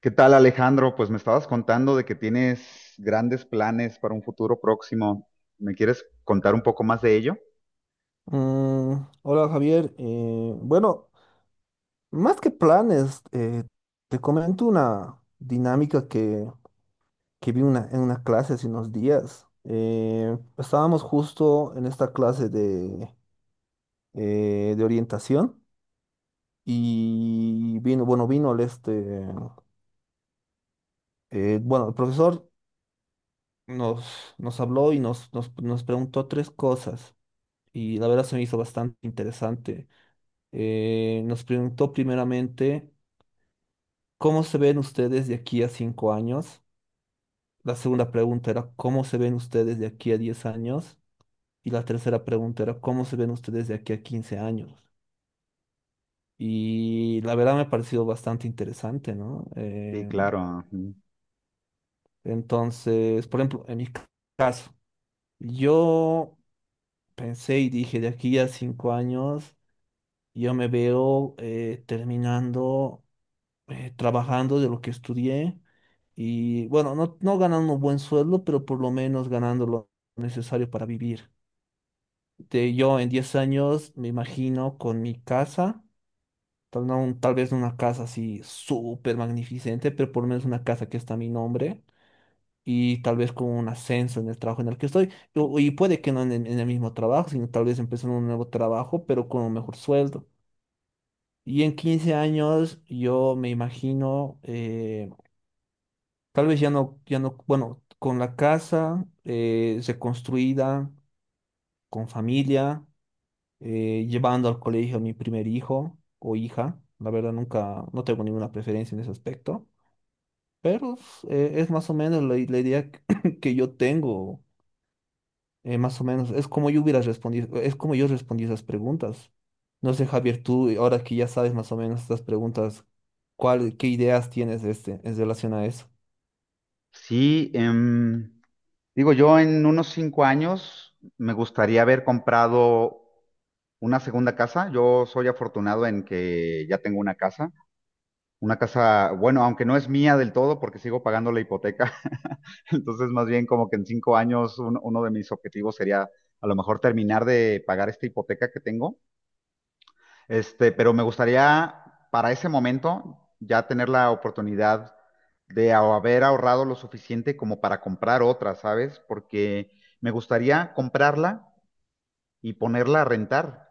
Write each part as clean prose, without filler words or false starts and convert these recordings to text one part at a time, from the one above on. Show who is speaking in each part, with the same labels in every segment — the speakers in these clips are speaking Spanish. Speaker 1: ¿Qué tal, Alejandro? Pues me estabas contando de que tienes grandes planes para un futuro próximo. ¿Me quieres contar un poco más de ello?
Speaker 2: Mm, Hola, Javier. Bueno, más que planes, te comento una dinámica que vi en una clase hace unos días. Estábamos justo en esta clase de orientación, y vino, bueno, vino bueno, el profesor nos habló y nos preguntó tres cosas, y la verdad se me hizo bastante interesante. Nos preguntó primeramente: ¿Cómo se ven ustedes de aquí a 5 años? La segunda pregunta era: ¿cómo se ven ustedes de aquí a 10 años? Y la tercera pregunta era: ¿cómo se ven ustedes de aquí a 15 años? Y la verdad me ha parecido bastante interesante, ¿no?
Speaker 1: Sí, claro, ujú.
Speaker 2: Entonces, por ejemplo, en mi caso, yo pensé y dije: de aquí a 5 años yo me veo terminando, trabajando de lo que estudié, y bueno, no, no ganando un buen sueldo, pero por lo menos ganando lo necesario para vivir. Yo en 10 años me imagino con mi casa, tal vez no una casa así súper magnificente, pero por lo menos una casa que está a mi nombre. Y tal vez con un ascenso en el trabajo en el que estoy. Y puede que no en el mismo trabajo, sino tal vez empezando un nuevo trabajo, pero con un mejor sueldo. Y en 15 años yo me imagino tal vez ya no, ya no, bueno, con la casa reconstruida, con familia, llevando al colegio a mi primer hijo o hija. La verdad, nunca, no tengo ninguna preferencia en ese aspecto, pero es más o menos la idea que, que yo tengo, más o menos. Es como yo hubiera respondido, es como yo respondí esas preguntas. No sé, Javier, tú, ahora que ya sabes más o menos estas preguntas, qué ideas tienes en relación a eso?
Speaker 1: Sí, digo, yo en unos cinco años me gustaría haber comprado una segunda casa. Yo soy afortunado en que ya tengo una casa. Una casa, bueno, aunque no es mía del todo porque sigo pagando la hipoteca. Entonces, más bien como que en cinco años uno de mis objetivos sería a lo mejor terminar de pagar esta hipoteca que tengo. Este, pero me gustaría para ese momento ya tener la oportunidad de haber ahorrado lo suficiente como para comprar otra, ¿sabes? Porque me gustaría comprarla y ponerla a rentar,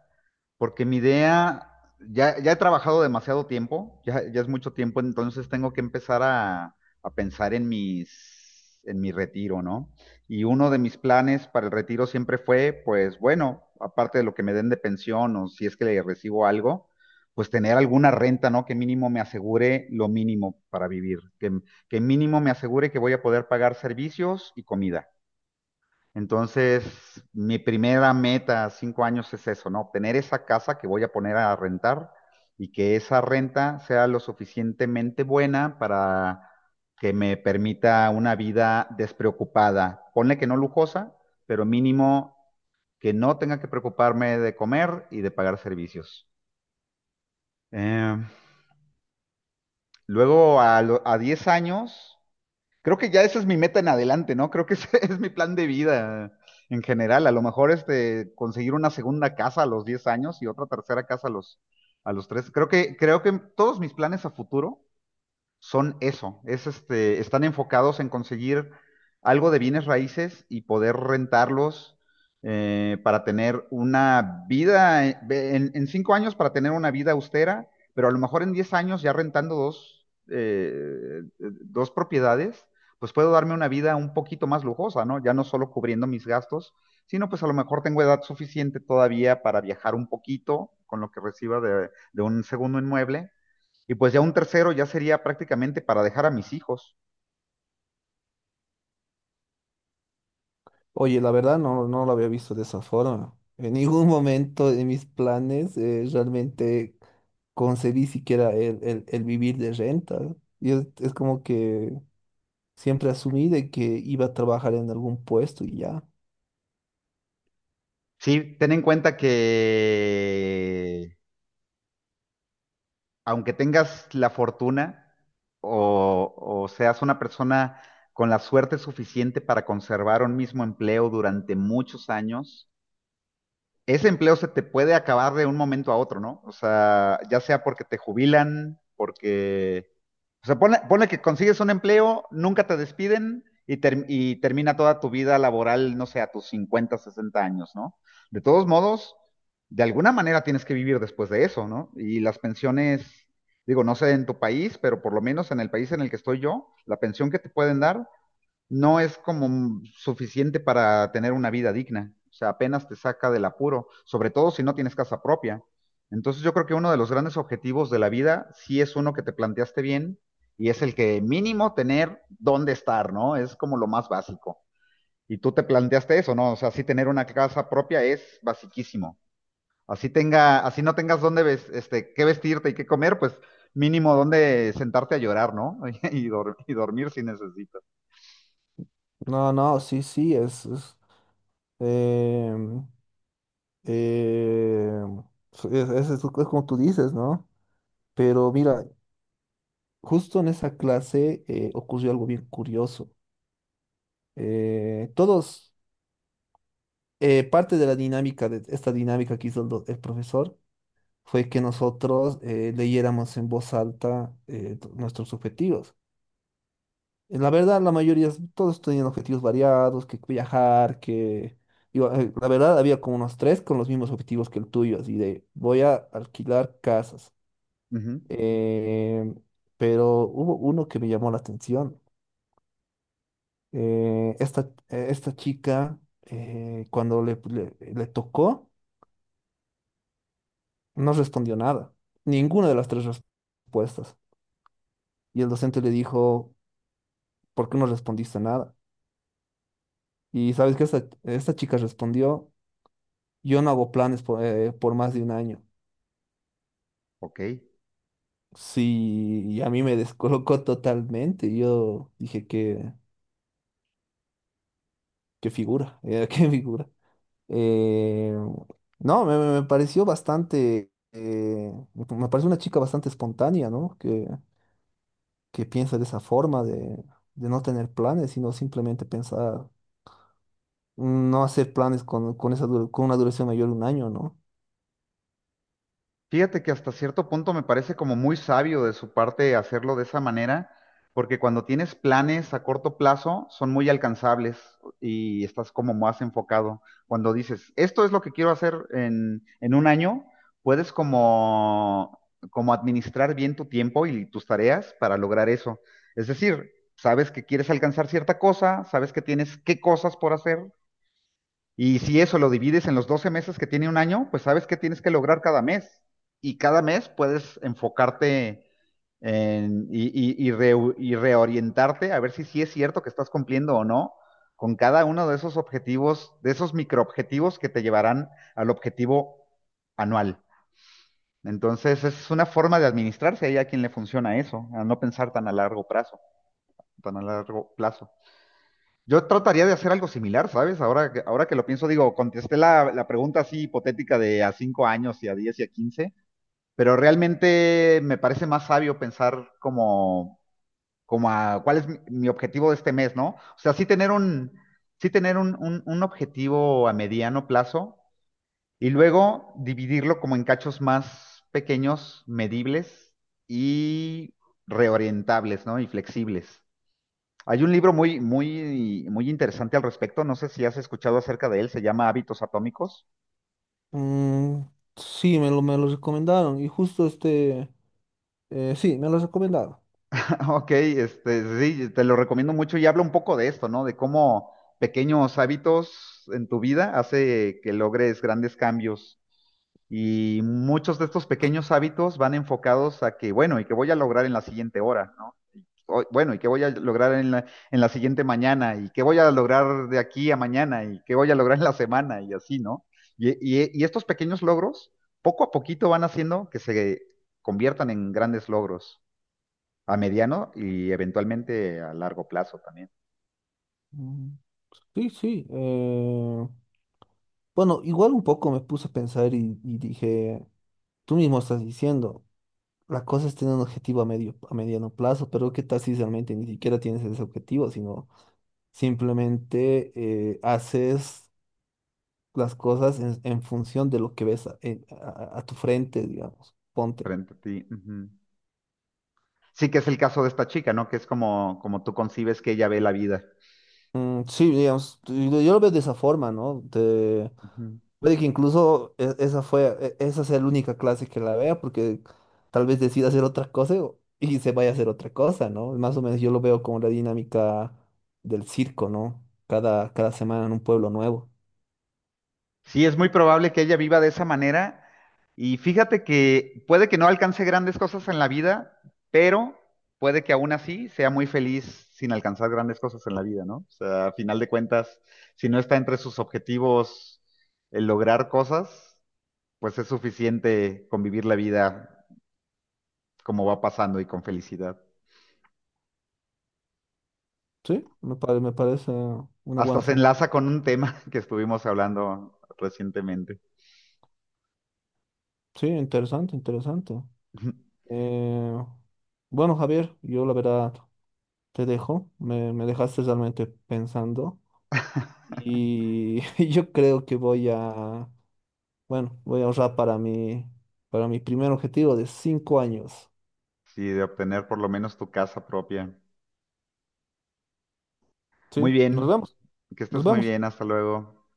Speaker 1: porque mi idea, ya he trabajado demasiado tiempo, ya es mucho tiempo, entonces tengo que empezar a pensar en en mi retiro, ¿no? Y uno de mis planes para el retiro siempre fue, pues bueno, aparte de lo que me den de pensión o si es que le recibo algo, pues tener alguna renta, ¿no? Que mínimo me asegure lo mínimo para vivir, que mínimo me asegure que voy a poder pagar servicios y comida. Entonces, mi primera meta a cinco años es eso, ¿no? Obtener esa casa que voy a poner a rentar y que esa renta sea lo suficientemente buena para que me permita una vida despreocupada. Ponle que no lujosa, pero mínimo que no tenga que preocuparme de comer y de pagar servicios. Eh, Luego, a 10 años, creo que ya esa es mi meta en adelante, ¿no? Creo que ese es mi plan de vida en general. A lo mejor este, conseguir una segunda casa a los 10 años y otra tercera casa a los 13. Creo que todos mis planes a futuro son eso, es este, están enfocados en conseguir algo de bienes raíces y poder rentarlos para tener una vida, en cinco años, para tener una vida austera, pero a lo mejor en diez años ya rentando dos propiedades, pues puedo darme una vida un poquito más lujosa, ¿no? Ya no solo cubriendo mis gastos, sino pues a lo mejor tengo edad suficiente todavía para viajar un poquito con lo que reciba de un segundo inmueble, y pues ya un tercero ya sería prácticamente para dejar a mis hijos.
Speaker 2: Oye, la verdad no, no lo había visto de esa forma. En ningún momento de mis planes realmente concebí siquiera el vivir de renta. Y es como que siempre asumí de que iba a trabajar en algún puesto y ya.
Speaker 1: Sí, ten en cuenta que aunque tengas la fortuna o seas una persona con la suerte suficiente para conservar un mismo empleo durante muchos años, ese empleo se te puede acabar de un momento a otro, ¿no? O sea, ya sea porque te jubilan, porque... O sea, pone, pone que consigues un empleo, nunca te despiden y, y termina toda tu vida laboral, no sé, a tus 50, 60 años, ¿no? De todos modos, de alguna manera tienes que vivir después de eso, ¿no? Y las pensiones, digo, no sé en tu país, pero por lo menos en el país en el que estoy yo, la pensión que te pueden dar no es como suficiente para tener una vida digna. O sea, apenas te saca del apuro, sobre todo si no tienes casa propia. Entonces yo creo que uno de los grandes objetivos de la vida sí es uno que te planteaste bien y es el que mínimo tener dónde estar, ¿no? Es como lo más básico. Y tú te planteaste eso, ¿no? O sea, sí, tener una casa propia es basiquísimo. Así tenga, así no tengas dónde ves, este, qué vestirte y qué comer, pues mínimo dónde sentarte a llorar, ¿no? Y, y dormir si necesitas.
Speaker 2: No, no, sí, sí, es, em, em, es como tú dices, ¿no? Pero mira, justo en esa clase ocurrió algo bien curioso. Todos Parte de la dinámica, de esta dinámica que hizo el profesor, fue que nosotros leyéramos en voz alta nuestros objetivos. La verdad, la mayoría, todos tenían objetivos variados: que viajar, que... digo, la verdad, había como unos tres con los mismos objetivos que el tuyo, así de, voy a alquilar casas.
Speaker 1: Ujú.
Speaker 2: Eh, pero hubo uno que me llamó la atención. Eh, esta, Esta chica, cuando le tocó, no respondió nada, ninguna de las tres respuestas. Y el docente le dijo: ¿por qué no respondiste nada? Y sabes que esta chica respondió: yo no hago planes por más de un año.
Speaker 1: Ok.
Speaker 2: Sí, y a mí me descolocó totalmente. Yo dije: qué figura, qué figura. Eh, no, me pareció bastante, me pareció una chica bastante espontánea, ¿no? Que piensa de esa forma de, no tener planes, sino simplemente pensar. No hacer planes con una duración mayor de un año, ¿no?
Speaker 1: Fíjate que hasta cierto punto me parece como muy sabio de su parte hacerlo de esa manera, porque cuando tienes planes a corto plazo son muy alcanzables y estás como más enfocado. Cuando dices, esto es lo que quiero hacer en un año, puedes como, como administrar bien tu tiempo y tus tareas para lograr eso. Es decir, sabes que quieres alcanzar cierta cosa, sabes que tienes qué cosas por hacer y si eso lo divides en los 12 meses que tiene un año, pues sabes qué tienes que lograr cada mes. Y cada mes puedes enfocarte y reorientarte a ver si sí es cierto que estás cumpliendo o no con cada uno de esos objetivos, de esos microobjetivos que te llevarán al objetivo anual. Entonces, es una forma de administrarse y a quien le funciona eso, a no pensar tan a largo plazo, tan a largo plazo. Yo trataría de hacer algo similar, ¿sabes? Ahora que lo pienso, digo, contesté la pregunta así hipotética de a 5 años y a 10 y a 15, pero realmente me parece más sabio pensar como, como a cuál es mi objetivo de este mes, ¿no? O sea, sí tener un objetivo a mediano plazo y luego dividirlo como en cachos más pequeños, medibles y reorientables, ¿no? Y flexibles. Hay un libro muy interesante al respecto. No sé si has escuchado acerca de él. Se llama Hábitos Atómicos.
Speaker 2: Mm, sí, me lo recomendaron, y justo sí, me lo recomendaron.
Speaker 1: Ok, este, sí, te lo recomiendo mucho y habla un poco de esto, ¿no? De cómo pequeños hábitos en tu vida hace que logres grandes cambios. Y muchos de estos pequeños hábitos van enfocados a que, bueno, y que voy a lograr en la siguiente hora, ¿no? Bueno, ¿y qué voy a lograr en en la siguiente mañana? ¿Y qué voy a lograr de aquí a mañana? ¿Y qué voy a lograr en la semana? Y así, ¿no? Y estos pequeños logros, poco a poquito van haciendo que se conviertan en grandes logros a mediano y eventualmente a largo plazo también,
Speaker 2: Mm, sí, sí. Bueno, igual un poco me puse a pensar, y dije: tú mismo estás diciendo, la cosa es tener un objetivo a mediano plazo, pero ¿qué tal si realmente ni siquiera tienes ese objetivo, sino simplemente haces las cosas en función de lo que ves a, en- a- a tu frente, digamos. Ponte.
Speaker 1: frente a ti. Ujú. Sí que es el caso de esta chica, ¿no? Que es como, como tú concibes que ella ve la vida.
Speaker 2: Mm, sí, digamos, yo lo veo de esa forma, ¿no?
Speaker 1: Ujú.
Speaker 2: Puede que incluso esa sea la única clase que la vea, porque tal vez decida hacer otra cosa y se vaya a hacer otra cosa, ¿no? Más o menos yo lo veo como la dinámica del circo, ¿no? Cada semana en un pueblo nuevo.
Speaker 1: Sí, es muy probable que ella viva de esa manera. Y fíjate que puede que no alcance grandes cosas en la vida, pero puede que aún así sea muy feliz sin alcanzar grandes cosas en la vida, ¿no? O sea, a final de cuentas, si no está entre sus objetivos el lograr cosas, pues es suficiente convivir la vida como va pasando y con felicidad.
Speaker 2: Sí, me parece una
Speaker 1: Hasta
Speaker 2: buena
Speaker 1: se
Speaker 2: forma.
Speaker 1: enlaza con un tema que estuvimos hablando recientemente.
Speaker 2: Sí, interesante, interesante. Eh, bueno, Javier, yo la verdad te dejo. Me- dejaste realmente pensando. Y yo creo que voy a ahorrar para mi primer objetivo de 5 años.
Speaker 1: Sí, de obtener por lo menos tu casa propia.
Speaker 2: ¿Sí?
Speaker 1: Muy
Speaker 2: Nos
Speaker 1: bien,
Speaker 2: vemos,
Speaker 1: que
Speaker 2: nos
Speaker 1: estés muy
Speaker 2: vemos.
Speaker 1: bien, hasta luego.